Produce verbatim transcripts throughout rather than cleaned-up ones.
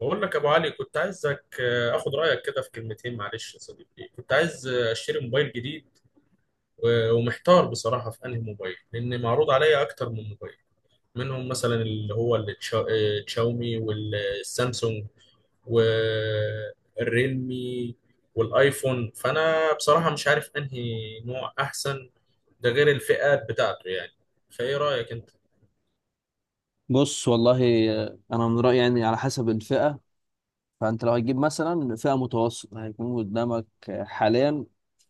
بقول لك يا ابو علي، كنت عايزك آه، اخد رايك كده في كلمتين. معلش يا صديقي، كنت عايز آه، اشتري موبايل جديد، و- ومحتار بصراحه في انهي موبايل، لان معروض عليا اكتر من موبايل. منهم مثلا اللي هو التشا- آه، الشاومي والسامسونج والريلمي والايفون. فانا بصراحه مش عارف انهي نوع احسن، ده غير الفئات بتاعته يعني. فايه رايك انت؟ بص والله، آه، انا من رايي يعني على حسب الفئه. فانت لو هتجيب مثلا فئه متوسطه هيكون قدامك آه، حاليا.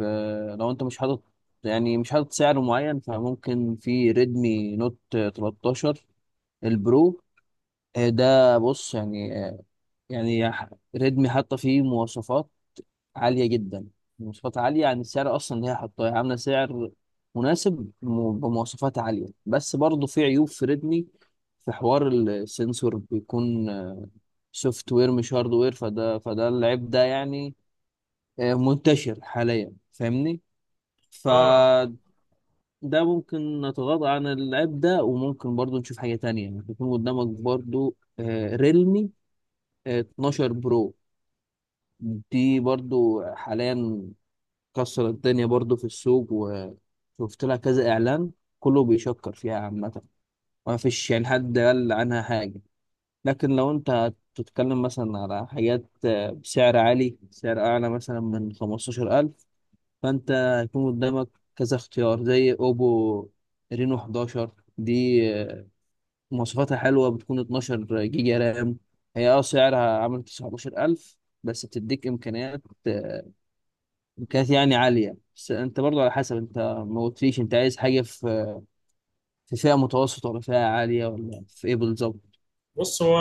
آه، لو انت مش حاطط يعني مش حاطط سعر معين، فممكن في ريدمي نوت تلتاشر البرو. آه، ده بص يعني، آه، يعني ح- ريدمي حاطه فيه مواصفات عالية جدا. مواصفات عالية عن السعر أصلا، اللي هي حاطاه، هي عاملة سعر مناسب م- بمواصفات عالية، بس برضه في عيوب في ريدمي. في حوار السنسور بيكون سوفت وير مش هارد وير، فده فده العيب ده يعني آه، منتشر حاليا، فاهمني. اه. فده ممكن نتغاضى عن العيب ده، وممكن برضه نشوف حاجة تانية يعني. يكون قدامك برضه ريلمي اتناشر برو، دي برضو حاليا كسر الدنيا برضو في السوق، وشفت لها كذا اعلان كله بيشكر فيها عامة. ما فيش يعني حد قال عنها حاجة. لكن لو انت تتكلم مثلا على حاجات آه، بسعر عالي، سعر اعلى مثلا من خمستاشر الف، فانت هيكون قدامك كذا اختيار زي اوبو رينو حداشر. دي آه، مواصفاتها حلوة، بتكون اتناشر جيجا رام. هي اه سعرها عامل تسعتاشر الف، بس بتديك امكانيات كانت يعني عالية. بس انت برضو على حسب انت، ما قلتليش انت عايز حاجة في في فئة متوسطة ولا فئة عالية ولا في ايه بالظبط. بص، هو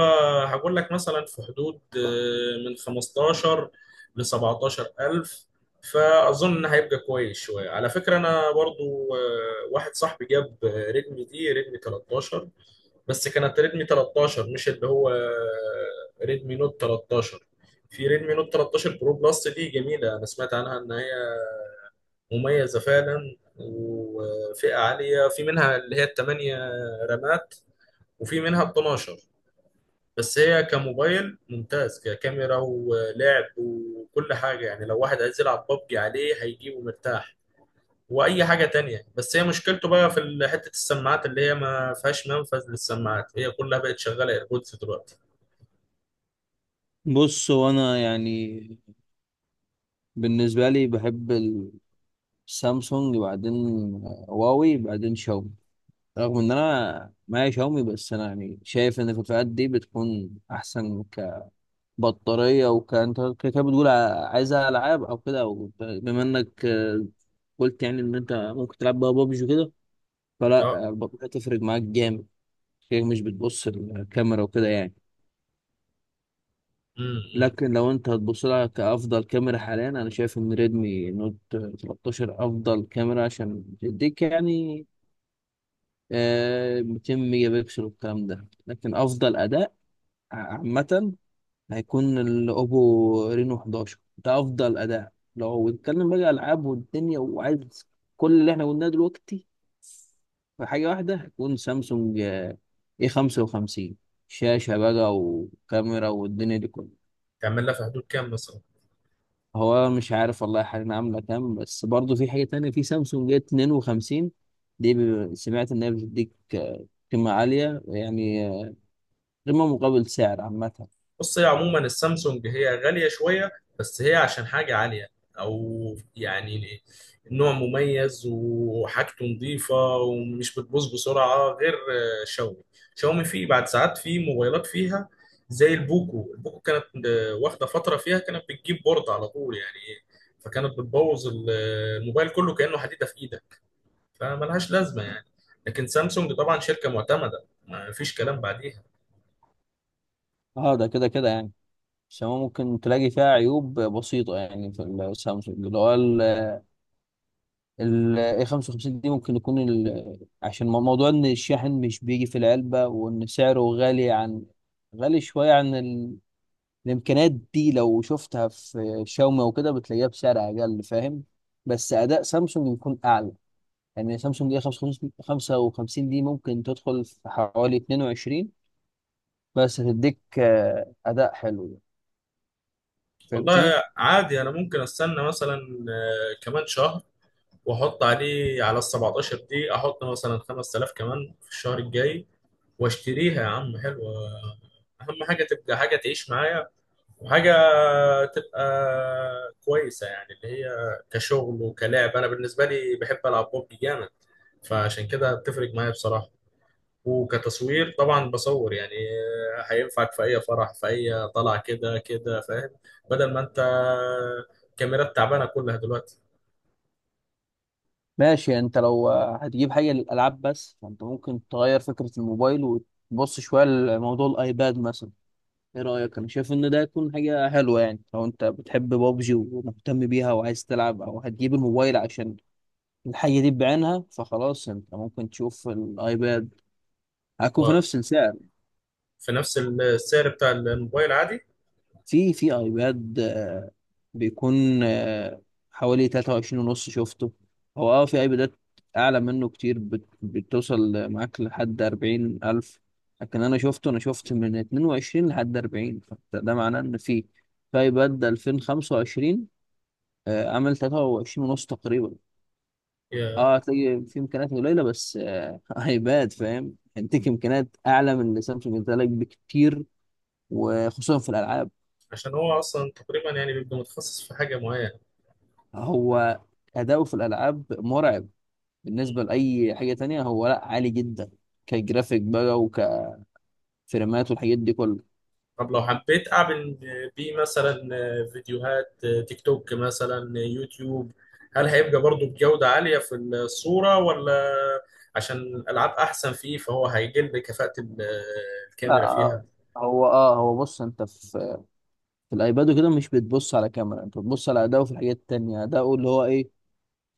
هقول لك مثلا في حدود آه، من خمستاشر ل سبعتاشر ألف. فأظن إن هيبقى كويس شوية. على فكرة، أنا برضو آه، واحد صاحبي جاب آه، ريدمي، دي ريدمي تلتاشر. بس كانت ريدمي تلتاشر، مش اللي هو آه، ريدمي نوت تلتاشر. في ريدمي نوت تلتاشر برو بلس، دي جميلة. أنا سمعت عنها إن هي مميزة فعلا، وفئة عالية. في منها اللي هي الثمانية رامات، وفي منها ال اتناشر. بس هي كموبايل ممتاز، ككاميرا ولعب وكل حاجة يعني. لو واحد عايز يلعب ببجي عليه، هيجيبه مرتاح، وأي حاجة تانية. بس هي مشكلته بقى في ال- حتة السماعات، اللي هي ما فيهاش منفذ للسماعات. هي كلها بقت شغالة ايربودز دلوقتي. بص، هو انا يعني بالنسبة لي بحب السامسونج، بعدين هواوي، بعدين شاومي. رغم ان انا معايا شاومي، بس انا يعني شايف ان في الفئات دي بتكون احسن كبطارية. وكانت كده بتقول ع- عايزها العاب او كده، او بما انك آه، قلت يعني ان انت ممكن تلعب بقى بابجي وكده، اه. فلا البطارية تفرق معاك جامد. هي مش بتبص الكاميرا وكده يعني. لكن امم. لو انت هتبص لها كأفضل كاميرا حاليا، انا شايف ان ريدمي نوت تلتاشر افضل كاميرا، عشان تديك يعني آه، ميتين ميجا بكسل والكلام ده. لكن افضل اداء عامة هيكون الاوبو رينو احد عشر ده. افضل اداء لو بنتكلم بقى العاب والدنيا، وعايز كل اللي احنا قلناه دلوقتي في حاجه واحده، هيكون سامسونج اي خمسة وخمسين. شاشه بقى وكاميرا والدنيا دي كلها. تعمل لها في حدود كام مثلا؟ هو مش عارف والله حاليا عامله كام، بس برضه في حاجه تانية في سامسونج اي اتنين وخمسين. دي ب- سمعت ان هي بتديك آه، قيمه عاليه يعني، آه، قيمه مقابل سعر عامه. بص، هي عموما السامسونج هي غالية شوية. بس هي عشان حاجة عالية، أو يعني نوع مميز وحاجته نظيفة، ومش بتبوظ بسرعة غير آه، شاومي. شاومي فيه بعد ساعات، فيه موبايلات فيها زي البوكو. البوكو كانت آه، واخدة فترة فيها كانت بتجيب بورد على طول يعني. فكانت بتبوظ ال- آه، الموبايل كله، كأنه حديدة في إيدك. فملهاش لازمة يعني. لكن سامسونج طبعا شركة معتمدة، ما فيش كلام بعديها. اه، ده كده كده يعني السماء ممكن تلاقي فيها عيوب بسيطة يعني. في السامسونج اللي هو ال اي خمسة وخمسين دي، ممكن يكون ال- عشان مو- موضوع ان الشاحن مش بيجي في العلبة، وان سعره غالي عن، غالي شوية عن ال... الامكانيات دي لو شفتها في شاومي او كده بتلاقيها بسعر اقل، فاهم. بس اداء سامسونج بيكون اعلى. يعني سامسونج اي خمسة وخمسين دي ممكن تدخل في حوالي اتنين وعشرين، بس هتديك آه، اداء حلو يعني. فهمتني. والله عادي، انا ممكن استنى مثلا آه، كمان شهر، واحط عليه على ال سبعتاشر دي، احط مثلا خمس تلاف كمان في الشهر الجاي، واشتريها يا عم. حلوه. اهم حاجه تبقى حاجه تعيش معايا، وحاجه تبقى كويسه، يعني اللي هي كشغل وكلاعب. انا بالنسبه لي بحب العب ببجي جامد، فعشان كده بتفرق معايا بصراحه. وكتصوير طبعا بصور يعني. آه، هينفعك في اي فرح، في اي طلعه، كده كده فاهم. بدل ما انت كاميرات تعبانه كلها دلوقتي. ماشي، يعني انت لو هتجيب حاجه للالعاب بس، فانت ممكن تغير فكره الموبايل وتبص شويه لموضوع الايباد مثلا. ايه رايك؟ انا شايف ان ده يكون حاجه حلوه يعني. لو انت بتحب بابجي ومهتم بيها وعايز تلعب، او هتجيب الموبايل عشان الحاجه دي بعينها، فخلاص انت ممكن تشوف الايباد. هيكون في نفس وفي السعر. نفس السعر بتاع الموبايل عادي. في في ايباد آه، بيكون آه، حوالي ثلاثة وعشرين ونص شفته. هو اه في ايبادات اعلى منه كتير بت- بتوصل معاك لحد اربعين الف، لكن انا شفته انا شفت من اتنين وعشرين لحد اربعين. فده معناه ان في في ايباد الفين وخمسة وعشرين آه، عامل تلاتة وعشرين ونص تقريبا. يا- اه، هتلاقي في امكانيات قليله بس آه، ايباد، فاهم، هيديك امكانيات اعلى من اللي سامسونج ادالك بكتير، وخصوصا في الالعاب. عشان هو اصلا تقريبا يعني بيبقى متخصص في حاجه معينه. هو أداؤه في الألعاب مرعب. بالنسبة لأي حاجة تانية هو لأ، عالي جدا كجرافيك بقى، وكفريمات والحاجات دي كلها. طب لو حبيت أعمل بيه مثلا فيديوهات تيك توك، مثلا يوتيوب، هل هيبقى برضو بجودة عالية في الصورة؟ ولا عشان الألعاب أحسن فيه، فهو هيقل كفاءة ال- لا الكاميرا آه، فيها؟ هو اه هو بص، انت في في الايباد وكده مش بتبص على كاميرا، انت بتبص على اداؤه في الحاجات التانية، اداؤه اللي هو ايه،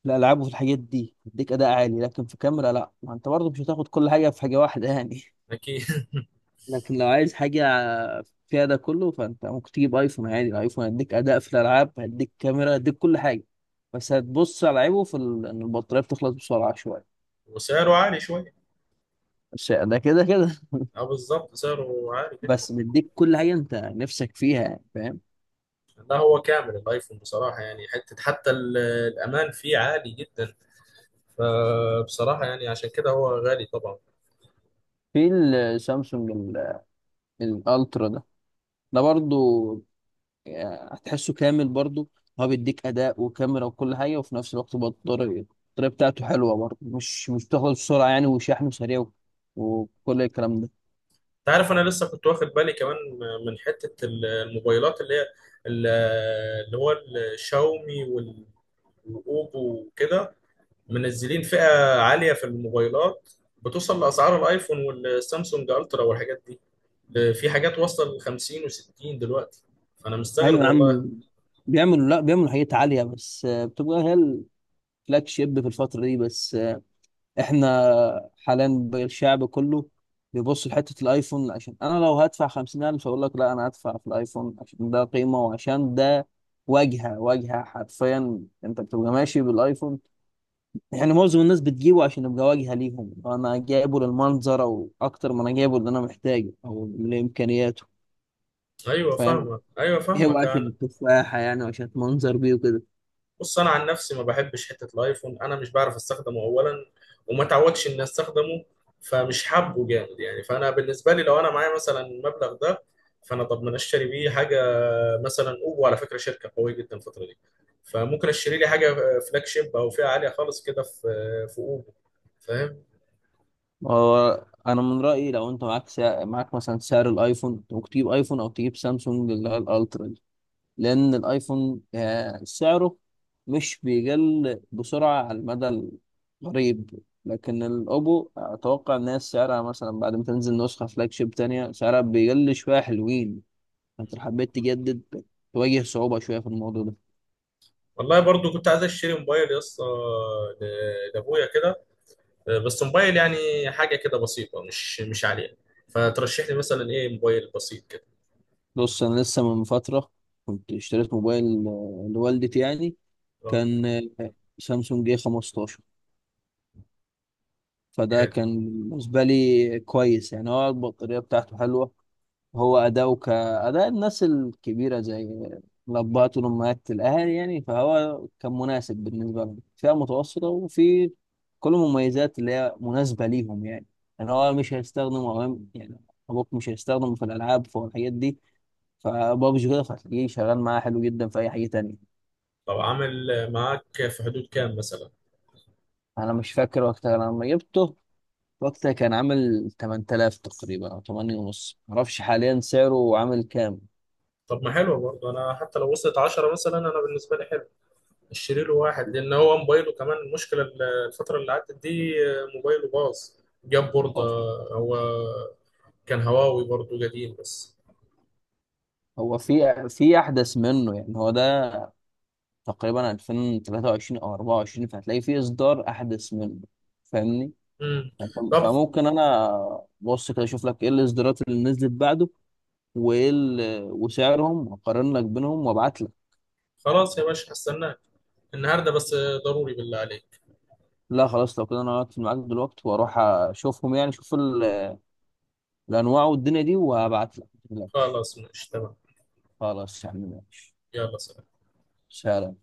في الالعاب وفي الحاجات دي بيديك اداء عالي. لكن في كاميرا لا، ما انت برضه مش هتاخد كل حاجة في حاجة واحدة يعني. أكيد لكن لو عايز حاجة فيها ده كله، فأنت ممكن تجيب أيفون عادي. الأيفون هيديك أداء في الألعاب، هيديك كاميرا، هيديك كل حاجة. بس هتبص على عيبه في ال... إن البطارية بتخلص بسرعة شوية. وسعره عالي شوية. بس ده كده كده اه بالظبط، سعره عالي جدا. بس بيديك كل حاجة أنت نفسك فيها يعني، فاهم. لا، هو كامل الايفون بصراحة. يعني حتة، حتى ال- الأمان فيه عالي جدا. فبصراحة يعني عشان كده هو غالي طبعا. في السامسونج ال- الألترا ده، ده برضو يعني هتحسه كامل برضو. هو بيديك أداء وكاميرا وكل حاجة، وفي نفس الوقت بطارية. البطارية بتاعته حلوة برضو، مش مش بتخلص بسرعة يعني. وشحنه سريع و- وكل الكلام ده. انت عارف، انا لسه كنت واخد بالي كمان من حتة الموبايلات اللي هي ال- اللي هو الشاومي وال- والاوبو وكده، منزلين فئة عالية في الموبايلات، بتوصل لأسعار الايفون والسامسونج الترا والحاجات دي. ده في حاجات واصلة ل خمسين و60 دلوقتي، فانا مستغرب ايوه يا والله. عم، بيعملوا، لا، بيعملوا حاجات عاليه، بس آه، بتبقى هي الفلاج شيب في الفتره دي. بس آه، احنا حاليا بقى الشعب كله بيبص لحته الايفون. عشان انا لو هدفع خمسين الف اقول لك لا، انا هدفع في الايفون، عشان ده قيمه وعشان ده واجهه. واجهه حرفيا، انت بتبقى ماشي بالايفون. يعني معظم الناس بتجيبه عشان يبقى واجهه ليهم. انا جايبه للمنظر، او اكتر ما انا جايبه اللي انا محتاجه او لامكانياته، ايوه فاهم. فاهمك، ايوه هو فاهمك عشان انا. التفاحه يعني، وعشان منظر بيه وكده. بص، انا عن نفسي ما بحبش حته الايفون. انا مش بعرف استخدمه اولا، وما تعودش اني استخدمه، فمش حابه جامد يعني. فانا بالنسبه لي لو انا معايا مثلا المبلغ ده، فانا طب ما أنا اشتري بيه حاجه. مثلا اوبو، على فكره شركه قويه جدا الفتره دي، فممكن اشتري لي حاجه فلاج شيب او فئه عاليه خالص كده في في اوبو فاهم. هو انا من رايي لو انت معاك سعر، معاك مثلا سعر الايفون، انت ممكن تجيب ايفون او تجيب سامسونج اللي هي الالترا دي. لان الايفون آه، سعره مش بيقل بسرعه على المدى القريب. لكن الاوبو اتوقع ان هي سعرها مثلا بعد ما تنزل نسخه فلاج شيب تانية سعرها بيقل شويه حلوين. فانت لو حبيت تجدد تواجه صعوبه شويه في الموضوع ده. والله برضو كنت عايز اشتري موبايل يا اسطى، ل- لابويا كده. بس موبايل يعني حاجه كده بسيطه، مش مش عاليه. فترشح لي مثلا ايه موبايل بسيط كده؟ بص، انا لسه من فتره كنت اشتريت موبايل آه، لوالدتي يعني. اه. كان آه، سامسونج اي خمستاشر. فده كان بالنسبة لي كويس يعني. هو البطارية بتاعته حلوة، هو أداؤه كأداء الناس الكبيرة، زي الأبهات والأمهات، الأهالي يعني. فهو كان مناسب بالنسبة لهم، فئة متوسطة، وفي كل المميزات اللي هي مناسبة ليهم يعني. يعني هو مش هيستخدم، أو يعني أبوك مش هيستخدم في الألعاب، في الحاجات دي، فبابجي كده، فهتلاقيه شغال معاه حلو جدا في أي حاجة تانية. طب عامل معاك في حدود كام مثلا؟ أنا مش فاكر وقتها لما جبته، وقتها كان عامل تمن تلاف تقريبا او ثمانية ونص، معرفش حاليا سعره عامل كام. طب ما حلو برضه، انا حتى لو وصلت عشرة مثلا انا بالنسبه لي حلو. اشتري له واحد، لان هو موبايله كمان المشكله ال- الفتره اللي عدت دي موبايله باظ، جاب بورده. أه، هو كان هواوي برضه قديم بس. هو في في احدث منه، يعني هو ده تقريبا الفين وتلاتة وعشرين او اربعة وعشرين، فهتلاقي في اصدار احدث منه، فاهمني. امم. فأنت- طب فممكن انا، بص، كده اشوف لك ايه الاصدارات اللي نزلت بعده وايه ال- وسعرهم، واقارن لك بينهم وابعت لك. خلاص يا باشا، هستناك النهارده بس، ضروري بالله عليك. لا خلاص، لو كده انا هقفل معاك دلوقتي واروح اشوفهم، يعني اشوف ال- الانواع والدنيا دي، وهبعت لك متقلقش. خلاص ماشي تمام. خلاص يا عم، ماشي. يلا سلام. سلام.